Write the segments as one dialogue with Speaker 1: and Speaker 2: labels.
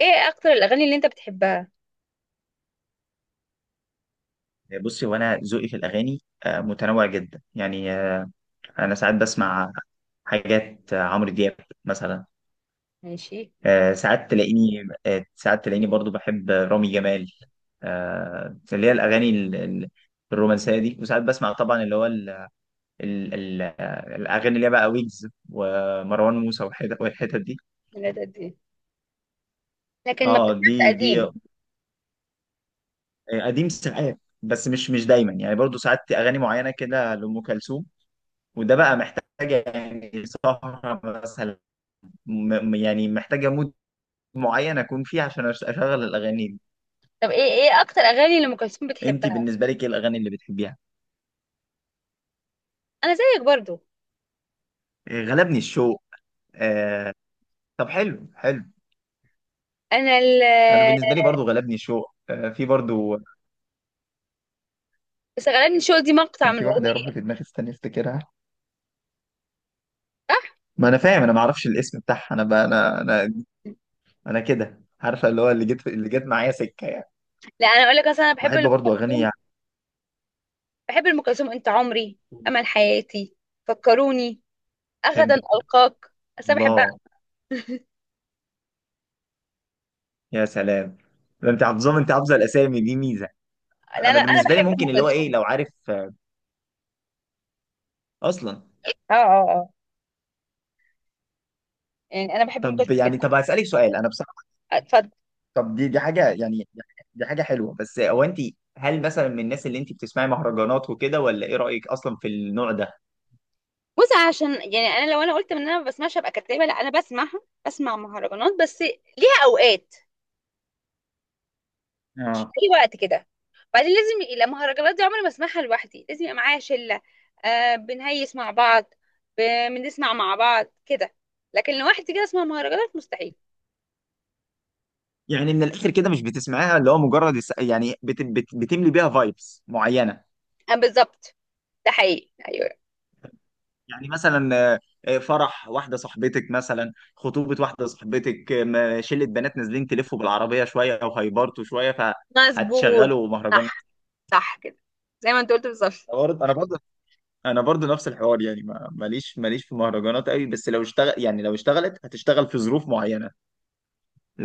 Speaker 1: ايه اكتر الاغاني اللي انت بتحبها؟
Speaker 2: بصي، هو انا ذوقي في الاغاني متنوع جدا يعني. انا ساعات بسمع حاجات، عمرو دياب مثلا.
Speaker 1: ماشي.
Speaker 2: ساعات تلاقيني برضو بحب رامي جمال. اللي هي الاغاني الرومانسيه دي. وساعات بسمع طبعا اللي هو ال ال ال آه، الاغاني اللي هي بقى ويجز ومروان موسى والحتت والحتت دي.
Speaker 1: من قد ايه؟ لكن ما
Speaker 2: اه،
Speaker 1: بتسمعش
Speaker 2: دي دي
Speaker 1: قديم؟
Speaker 2: آه، قديم ساعات. بس مش دايما يعني. برضو ساعات اغاني معينه كده لام كلثوم، وده بقى محتاجة يعني سهرة مثلا، يعني محتاجة مود معين أكون فيه عشان أشغل الأغاني دي.
Speaker 1: طب ايه اكتر اغاني لام كلثوم
Speaker 2: أنت
Speaker 1: بتحبها؟
Speaker 2: بالنسبة لك إيه الأغاني اللي بتحبيها؟
Speaker 1: انا زيك برضو.
Speaker 2: إيه، غلبني الشوق آه... طب، حلو حلو.
Speaker 1: انا ال
Speaker 2: أنا بالنسبة لي برضو غلبني الشوق، في برضو.
Speaker 1: بس غالبا شو دي مقطع
Speaker 2: كان
Speaker 1: من
Speaker 2: في واحدة يا رب
Speaker 1: اغنيه.
Speaker 2: في دماغي، استني أفتكرها.
Speaker 1: صح.
Speaker 2: ما أنا فاهم، أنا ما أعرفش الاسم بتاعها. أنا بقى أنا كده عارفة اللي هو اللي جت معايا سكة يعني.
Speaker 1: لا، انا اقول لك، اصلا انا بحب
Speaker 2: بحب
Speaker 1: ام
Speaker 2: برضو أغاني
Speaker 1: كلثوم.
Speaker 2: يعني،
Speaker 1: بحب ام كلثوم: انت عمري، امل حياتي، فكروني، غدا
Speaker 2: بحب.
Speaker 1: القاك. بس انا بحبها.
Speaker 2: الله، يا سلام. ده أنت حافظة الأسامي دي ميزة.
Speaker 1: لا،
Speaker 2: انا
Speaker 1: انا
Speaker 2: بالنسبه لي
Speaker 1: بحب ام
Speaker 2: ممكن اللي هو ايه
Speaker 1: كلثوم.
Speaker 2: لو عارف، اصلا.
Speaker 1: اه، اه، اه، يعني انا بحب ام
Speaker 2: طب
Speaker 1: كلثوم
Speaker 2: يعني،
Speaker 1: جدا.
Speaker 2: طب هسالك سؤال انا بصراحه.
Speaker 1: اتفضل.
Speaker 2: طب، دي حاجه يعني، دي حاجه حلوه بس هو انت. هل مثلا من الناس اللي انت بتسمعي مهرجانات وكده، ولا ايه رايك اصلا في النوع ده؟
Speaker 1: بص، عشان يعني انا لو انا قلت ان انا ما بسمعش ابقى كدابه. لا، انا بسمعها، بسمع مهرجانات، بس ليها اوقات. مش
Speaker 2: اه،
Speaker 1: اي وقت كده. بعدين لازم يبقى، لا، المهرجانات دي عمري ما اسمعها لوحدي، لازم يبقى معايا شله، بنهيس مع بعض، ب- بنسمع مع بعض كده. لكن لوحدي كده اسمع مهرجانات مستحيل.
Speaker 2: يعني من الاخر كده مش بتسمعيها اللي هو مجرد يعني بت بت بتملي بيها فايبس معينه.
Speaker 1: آه، بالظبط. ده حقيقي، ايوه.
Speaker 2: يعني مثلا، فرح واحده صاحبتك مثلا، خطوبه واحده صاحبتك، شله بنات نازلين تلفوا بالعربيه شويه وهيبرتوا شويه،
Speaker 1: مظبوط.
Speaker 2: فهتشغلوا مهرجان.
Speaker 1: صح. صح كده، زي ما انت قلت بالظبط.
Speaker 2: انا برضه انا برضو نفس الحوار يعني، ماليش في مهرجانات قوي، بس لو اشتغل يعني لو اشتغلت هتشتغل في ظروف معينه.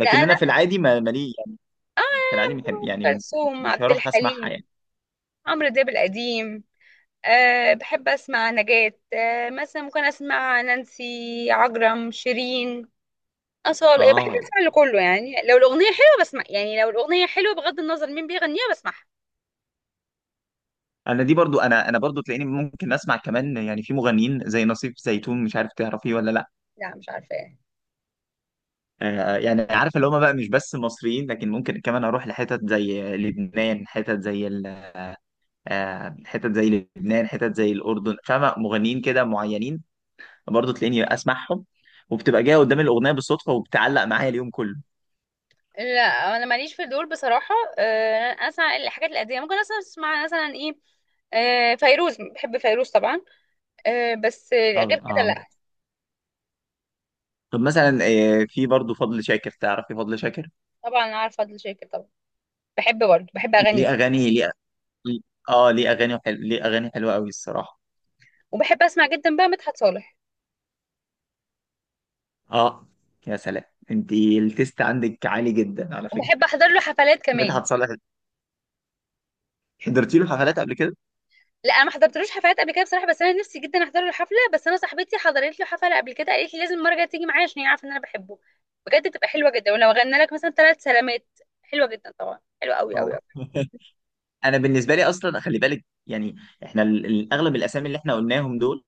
Speaker 1: لا، انا.
Speaker 2: انا في العادي ما مالي يعني،
Speaker 1: اه.
Speaker 2: في العادي بحب
Speaker 1: أم
Speaker 2: يعني، مش
Speaker 1: كلثوم،
Speaker 2: مش
Speaker 1: عبد
Speaker 2: هروح اسمعها يعني.
Speaker 1: الحليم، عمرو دياب القديم. أه، بحب أسمع نجاة. مثلا ممكن أسمع نانسي عجرم، شيرين، أصالة. بحب
Speaker 2: اه،
Speaker 1: أسمع لكله. يعني لو الأغنية حلوة بسمع، يعني لو الأغنية حلوة بغض النظر مين بيغنيها بسمعها.
Speaker 2: انا برضو تلاقيني ممكن اسمع كمان، يعني في مغنيين زي نصيف زيتون، مش عارف تعرفيه ولا لا.
Speaker 1: لا، مش عارفة إيه.
Speaker 2: يعني عارف اللي هم بقى مش بس مصريين، لكن ممكن كمان اروح لحتت زي لبنان، حتت زي لبنان، حتت زي الاردن، فاهمه مغنيين كده معينين، برضه تلاقيني اسمعهم. وبتبقى جايه قدام الاغنيه بالصدفه وبتعلق معايا اليوم كله.
Speaker 1: لا، أنا ماليش في دول بصراحة. أنا أسمع الحاجات القديمة، ممكن أسمع مثلا إيه، فيروز، بحب فيروز طبعا. بس
Speaker 2: اه،
Speaker 1: غير كده
Speaker 2: اه.
Speaker 1: لا.
Speaker 2: طب مثلا، في برضه فضل شاكر، تعرفي فضل شاكر؟
Speaker 1: طبعا عارفة فضل شاكر، طبعا. بحب برضه، بحب أغني.
Speaker 2: ليه اغاني ليه؟ اه، ليه اغاني حلو، ليه اغاني حلوه قوي الصراحه.
Speaker 1: وبحب أسمع جدا بقى مدحت صالح.
Speaker 2: اه، يا سلام. انت التيست عندك عالي جدا على فكره.
Speaker 1: وبحب أحضر له حفلات كمان.
Speaker 2: مدحت صالح، حضرتي له حفلات قبل كده؟
Speaker 1: لا، انا ما حضرتلوش حفلات قبل كده بصراحه، بس انا نفسي جدا احضر له حفله. بس انا صاحبتي حضرت له حفله قبل كده قالت لي لازم المره الجايه تيجي معايا عشان هي عارفه ان انا بحبه. بجد تبقى حلوه جدا، ولو غنى لك مثلا ثلاث سلامات، حلوه جدا طبعا، حلوه قوي قوي
Speaker 2: اه.
Speaker 1: قوي.
Speaker 2: انا بالنسبه لي اصلا خلي بالك يعني، احنا اغلب الاسامي اللي احنا قلناهم دول،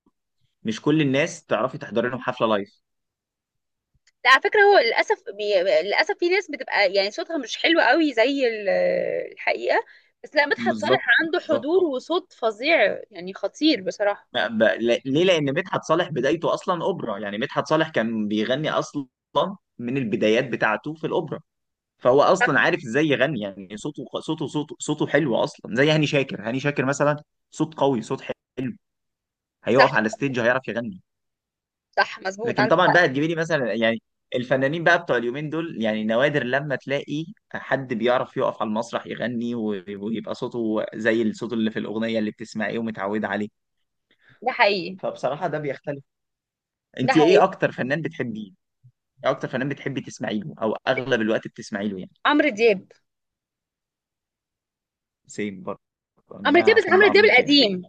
Speaker 2: مش كل الناس تعرفي تحضري لهم حفله لايف.
Speaker 1: لا، على فكره، للاسف في ناس بتبقى يعني صوتها مش حلو قوي زي الحقيقه. بس لا، مدحت صالح
Speaker 2: بالظبط
Speaker 1: عنده
Speaker 2: بالظبط.
Speaker 1: حضور وصوت فظيع، يعني خطير بصراحه.
Speaker 2: ما- ب... لا- ليه؟ لان مدحت صالح بدايته اصلا اوبرا، يعني مدحت صالح كان بيغني اصلا من البدايات بتاعته في الاوبرا، فهو اصلا عارف ازاي يغني. يعني صوته حلو اصلا، زي هاني شاكر، هاني شاكر مثلا، صوت قوي، صوت حلو،
Speaker 1: صح،
Speaker 2: هيقف على ستيج هيعرف يغني.
Speaker 1: صح، مظبوط،
Speaker 2: لكن
Speaker 1: عندك
Speaker 2: طبعا بقى
Speaker 1: حق.
Speaker 2: تجيبي لي مثلا يعني، الفنانين بقى بتوع اليومين دول يعني نوادر لما تلاقي حد بيعرف يقف على المسرح يغني ويبقى صوته زي الصوت اللي في الاغنيه اللي بتسمعيه ومتعوده عليه.
Speaker 1: ده حقيقي.
Speaker 2: فبصراحه ده بيختلف.
Speaker 1: ده
Speaker 2: انت ايه
Speaker 1: حقيقي.
Speaker 2: اكتر فنان بتحبيه؟ ايه اكتر فنان بتحبي تسمعي له او اغلب الوقت بتسمعي له يعني؟
Speaker 1: عمرو دياب.
Speaker 2: سيم برضه.
Speaker 1: عمرو دياب،
Speaker 2: انا
Speaker 1: بس
Speaker 2: بحب
Speaker 1: عمرو دياب
Speaker 2: عمرو دياب أوي.
Speaker 1: القديم.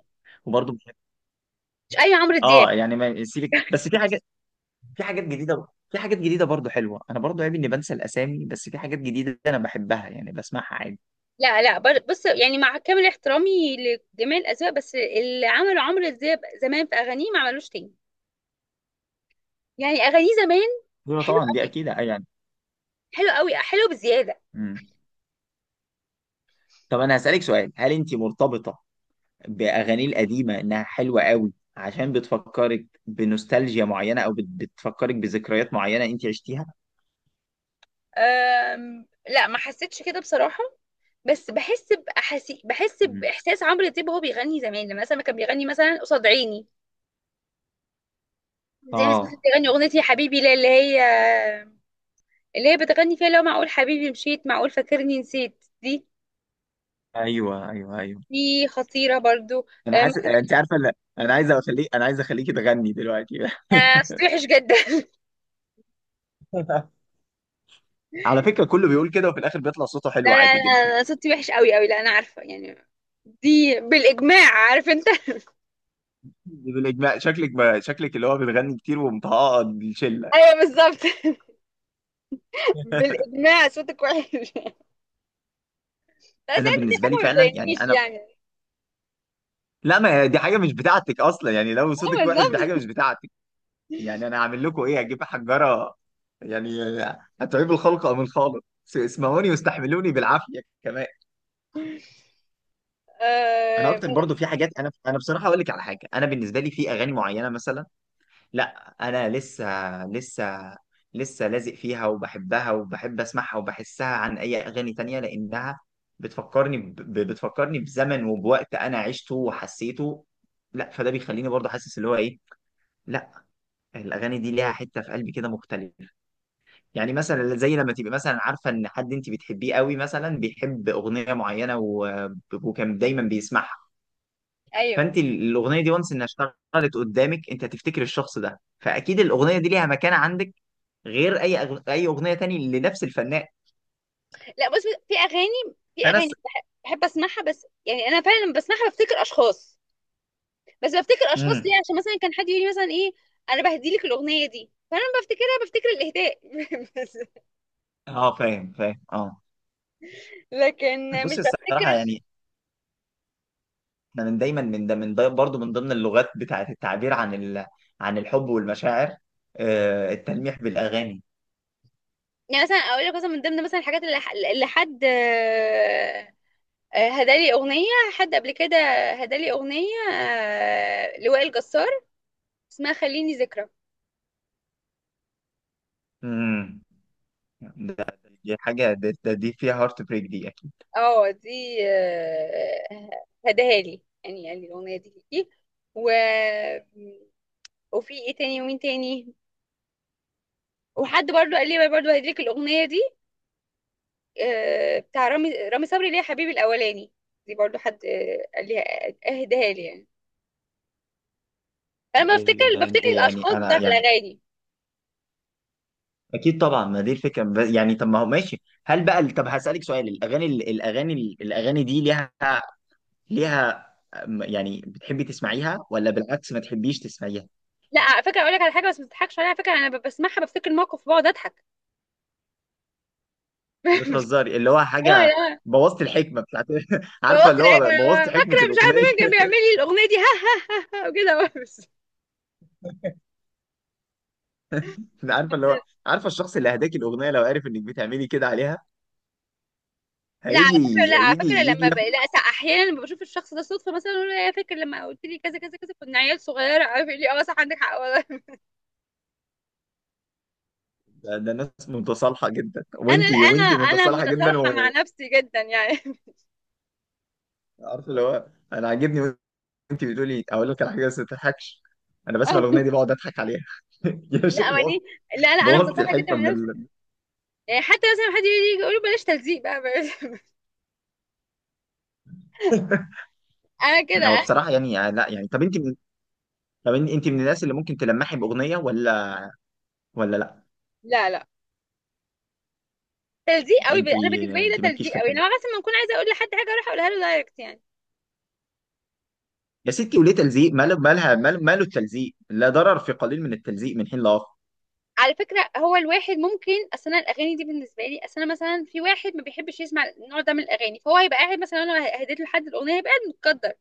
Speaker 2: وبرضه بحب،
Speaker 1: مش اي عمرو دياب.
Speaker 2: اه يعني ما سيبك، بس في حاجات جديده برضه حلوه. انا برضه عيب اني بنسى الاسامي، بس في حاجات جديده انا بحبها يعني، بسمعها عادي.
Speaker 1: لا، لا، بص، يعني مع كامل احترامي لجميع الأذواق، بس اللي عمله عمرو دياب زمان في أغانيه ما عملوش تاني. يعني أغانيه زمان
Speaker 2: دول
Speaker 1: حلو،
Speaker 2: طبعا دي اكيد يعني.
Speaker 1: حلو قوي، حلو بزيادة.
Speaker 2: مم. طب انا هسالك سؤال، هل انت مرتبطه باغاني القديمه انها حلوه قوي عشان بتفكرك بنوستالجيا معينه، او بتفكرك بذكريات معينه انت عشتيها؟
Speaker 1: لا، ما حسيتش كده بصراحة. بس بحس
Speaker 2: مم.
Speaker 1: بإحساس عمرو دياب وهو بيغني زمان، لما مثلا كان بيغني مثلا قصاد عيني، زي مثلا كان
Speaker 2: اه،
Speaker 1: بيغني أغنية يا حبيبي لا، اللي هي اللي هي بتغني فيها لو معقول حبيبي مشيت، معقول فاكرني نسيت. دي
Speaker 2: ايوه ايوه ايوه.
Speaker 1: دي خطيرة برضو.
Speaker 2: انا
Speaker 1: أم،
Speaker 2: حاسس انت عارفه، لا، انا عايز اخليكي تغني دلوقتي.
Speaker 1: ما تستوحش جدا.
Speaker 2: على فكره كله بيقول كده وفي الاخر بيطلع صوته
Speaker 1: لا،
Speaker 2: حلو
Speaker 1: لا،
Speaker 2: عادي جدا.
Speaker 1: لا، أنا صوتي وحش قوي قوي، لا انا عارفه يعني، دي بالاجماع، عارف انت.
Speaker 2: بالاجماع شكلك شكلك اللي هو بتغني كتير ومطهقه الشله.
Speaker 1: ايوه، بالظبط. بالاجماع صوتك وحش. لا بس
Speaker 2: انا
Speaker 1: انت دي
Speaker 2: بالنسبه لي
Speaker 1: حاجه ما
Speaker 2: فعلا يعني
Speaker 1: بتضايقنيش
Speaker 2: انا،
Speaker 1: يعني.
Speaker 2: لا ما هي دي حاجه مش بتاعتك اصلا يعني، لو
Speaker 1: اه،
Speaker 2: صوتك وحش دي حاجه مش
Speaker 1: بالظبط.
Speaker 2: بتاعتك. يعني انا هعمل لكم ايه، هجيب حجره يعني، هتعيب الخلق ام الخالق؟ اسمعوني واستحملوني بالعافيه كمان. انا
Speaker 1: آه ب-
Speaker 2: اكتر برضو في حاجات، انا بصراحه اقول لك على حاجه، انا بالنسبه لي في اغاني معينه مثلا، لا انا لسه لازق فيها وبحبها وبحب اسمعها وبحسها عن اي اغاني تانية، لانها بتفكرني بزمن وبوقت انا عشته وحسيته. لا فده بيخليني برضو حاسس اللي هو ايه، لا الاغاني دي ليها حته في قلبي كده مختلفه. يعني مثلا زي لما تبقى مثلا عارفه ان حد انت بتحبيه قوي مثلا بيحب اغنيه معينه، وكان دايما بيسمعها،
Speaker 1: ايوه.
Speaker 2: فانت الاغنيه دي وانس انها اشتغلت قدامك، انت هتفتكر الشخص ده، فاكيد الاغنيه دي ليها مكان عندك، غير اي اغنيه تاني لنفس الفنان.
Speaker 1: لا، بص، في اغاني،
Speaker 2: فانا س...
Speaker 1: بحب اسمعها، بس يعني انا فعلا لما بسمعها بفتكر اشخاص. بس بفتكر اشخاص ليه؟
Speaker 2: امم
Speaker 1: عشان مثلا كان حد يقول لي مثلا: ايه، انا بهدي لك الاغنيه دي. فانا لما بفتكرها بفتكر الاهداء. بس.
Speaker 2: اه، فاهم فاهم، اه.
Speaker 1: لكن مش
Speaker 2: بص الصراحه
Speaker 1: بفتكر.
Speaker 2: يعني، احنا من دايما، من ده برضه من ضمن اللغات بتاعه التعبير عن عن الحب والمشاعر، التلميح بالاغاني.
Speaker 1: يعني مثلا اقول لك مثلا من ضمن مثلا الحاجات اللي حد هدالي اغنيه، حد قبل كده هدالي اغنيه لوائل جسار، اسمها خليني ذكرى.
Speaker 2: امم ده، دي حاجه، دي فيها هارت بريك دي.
Speaker 1: اه، دي، هداها لي يعني، قال لي الاغنيه دي ليكي. و وفي ايه تاني ومين تاني، وحد برضو قال لي برضو هديلك الاغنيه دي بتاع رامي صبري، اللي هي حبيبي الاولاني، دي برضو حد قال لي اهداها لي يعني. انا بفتكر
Speaker 2: اكيد ده
Speaker 1: بفتكر
Speaker 2: يعني،
Speaker 1: الاشخاص
Speaker 2: انا
Speaker 1: بتاعت
Speaker 2: يعني
Speaker 1: الاغاني.
Speaker 2: اكيد طبعا، ما دي الفكره، يعني طب ما هو ماشي، هل بقى طب هسالك سؤال، الاغاني دي ليها، يعني بتحبي تسمعيها ولا بالعكس ما تحبيش تسمعيها؟
Speaker 1: لا، على فكره اقول لك على حاجه، بس ما تضحكش عليها على فكره. انا بسمعها بفتكر الموقف بقعد اضحك. مش-
Speaker 2: بتهزري اللي هو
Speaker 1: اه
Speaker 2: حاجه،
Speaker 1: لا.
Speaker 2: بوظت الحكمه بتاعت. عارفه
Speaker 1: ببص،
Speaker 2: اللي
Speaker 1: العيب
Speaker 2: هو
Speaker 1: انا
Speaker 2: بوظت حكمه
Speaker 1: فاكره، مش عارفه
Speaker 2: الاغنيه.
Speaker 1: مين كان بيعمل لي الاغنيه دي. ها ها ها، ها، وكده بس.
Speaker 2: عارفه اللي هو، عارفه الشخص اللي هداكي الاغنيه لو عارف انك بتعملي كده عليها
Speaker 1: لا، على
Speaker 2: هيجي
Speaker 1: فكره،
Speaker 2: هيجي يجي ياخد.
Speaker 1: لا، احيانا لما بشوف الشخص ده صدفه، مثلا اقول له: يا فاكر لما قلت لي كذا كذا كذا، كنا عيال صغيره. عارف لي؟ اه صح، عندك حق والله.
Speaker 2: ده ناس متصالحه جدا،
Speaker 1: انا
Speaker 2: وانتي
Speaker 1: انا
Speaker 2: وانتي
Speaker 1: انا
Speaker 2: متصالحه جدا
Speaker 1: متصالحه مع
Speaker 2: وعارفه
Speaker 1: نفسي جدا يعني.
Speaker 2: اللي هو، انا عاجبني. انت بتقولي اقول لك على حاجه بس ما تضحكش، انا بسمع الاغنيه دي بقعد اضحك عليها. يا
Speaker 1: لا
Speaker 2: شيخ، بوظت
Speaker 1: ماني، لا، لا، انا
Speaker 2: بوظت
Speaker 1: متصالحه جدا
Speaker 2: الحكمه
Speaker 1: مع نفسي. يعني حتى مثلا حد يجي يقول لي بلاش تلزيق بقى بلاش. انا
Speaker 2: هو
Speaker 1: كده.
Speaker 2: بصراحه يعني، لا يعني، طب انت من الناس اللي ممكن تلمحي باغنيه، ولا ولا لا؟
Speaker 1: لا، لا، تلزيق قوي.
Speaker 2: انت
Speaker 1: انا بالنسبه لي ده
Speaker 2: انت مالكيش
Speaker 1: تلزيق
Speaker 2: فيها
Speaker 1: قوي،
Speaker 2: كده،
Speaker 1: انما مثلا ما اكون عايزه اقول لحد حاجه اروح اقولها له دايركت يعني.
Speaker 2: يا ستي وليه تلزيق؟ ماله، مالها، ماله التلزيق؟ لا ضرر في قليل من التلزيق من حين لاخر.
Speaker 1: على فكره هو الواحد ممكن، اصل انا الاغاني دي بالنسبه لي، اصل انا مثلا في واحد ما بيحبش يسمع النوع ده من الاغاني، فهو هيبقى قاعد، مثلا انا هديت له حد الاغنيه هيبقى قاعد متقدر.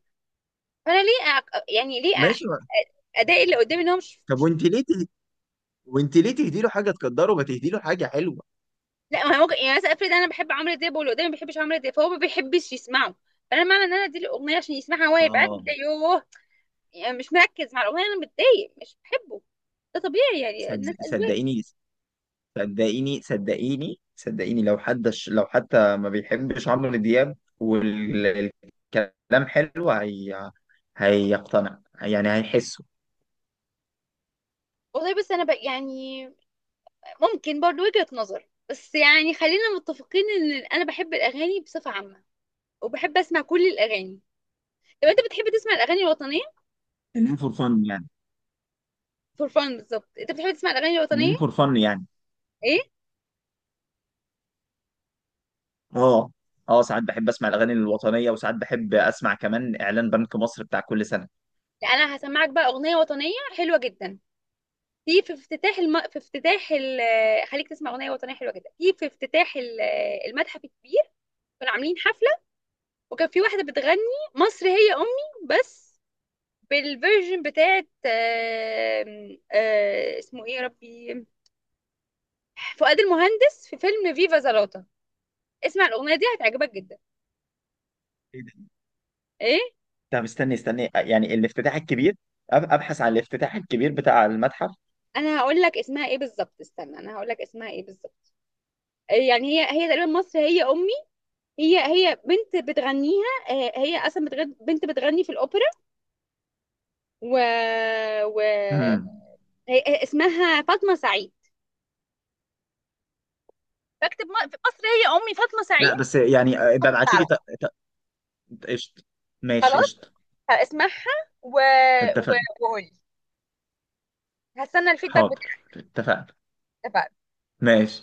Speaker 1: فانا ليه أ... يعني
Speaker 2: ماشي،
Speaker 1: ادائي اللي قدامي ان هو مش
Speaker 2: طب
Speaker 1: مش-
Speaker 2: وانت ليه تهدي له حاجه تقدره، ما تهدي له حاجه حلوه.
Speaker 1: لا، ما هو ممكن يعني مثلا افرض انا بحب عمرو دياب واللي قدامي ما بيحبش عمرو دياب، فهو ما بيحبش يسمعه. فانا معنى ان انا اديله الاغنيه عشان يسمعها هو هيبقى قاعد
Speaker 2: اه،
Speaker 1: متضايق، يوه، يعني مش مركز مع الاغنيه: انا متضايق، مش بحبه. ده طبيعي يعني
Speaker 2: صد...
Speaker 1: الناس.
Speaker 2: صدقيني صدقيني صدقيني صدقيني، لو حد لو حتى ما بيحبش عمرو دياب والكلام حلو، هيقتنع يعني هيحسه.
Speaker 1: والله، بس انا بقى يعني ممكن برضو وجهة نظر، بس يعني خلينا متفقين ان انا بحب الاغاني بصفة عامة، وبحب اسمع كل الاغاني. طب انت بتحب تسمع الاغاني الوطنية؟
Speaker 2: خلينا فور فن يعني،
Speaker 1: فور فان، بالظبط. انت بتحب تسمع الاغاني الوطنية؟
Speaker 2: خلينا فور فن يعني.
Speaker 1: ايه.
Speaker 2: اه، اه، ساعات بحب اسمع الاغاني الوطنيه وساعات بحب اسمع كمان اعلان بنك مصر بتاع كل سنه.
Speaker 1: لا، انا هسمعك بقى اغنية وطنية حلوة جدا. في في افتتاح الم... في افتتاح ال... خليك تسمع اغنية وطنية حلوة جدا في افتتاح المتحف الكبير. كانوا عاملين حفلة، وكان في واحدة بتغني مصر هي امي، بس بالفيرجن بتاعت آم، آه، اسمه ايه يا ربي، فؤاد المهندس في فيلم فيفا زلاطة. اسمع الأغنية دي هتعجبك جدا.
Speaker 2: ايه ده؟
Speaker 1: ايه.
Speaker 2: طب استني استني يعني، الافتتاح الكبير، ابحث عن الافتتاح الكبير بتاع المتحف.
Speaker 1: انا هقول لك اسمها ايه بالظبط، استنى، انا هقول لك اسمها ايه بالظبط. يعني هي تقريبا مصر هي امي. هي بنت بتغنيها. هي اصلا بنت بتغني في الاوبرا، و, و...
Speaker 2: امم
Speaker 1: هي اسمها فاطمه سعيد. فاكتب في مصر هي امي فاطمه سعيد،
Speaker 2: لا بس يعني، ابقى ابعتي
Speaker 1: هتطلع
Speaker 2: لي.
Speaker 1: لك.
Speaker 2: ط- ط- قشطه. ماشي
Speaker 1: خلاص،
Speaker 2: قشطه.
Speaker 1: هسمعها، و... و...
Speaker 2: اتفقنا.
Speaker 1: وقولي، هستنى الفيدباك.
Speaker 2: حاضر. اتفقنا.
Speaker 1: اتفقنا.
Speaker 2: ماشي.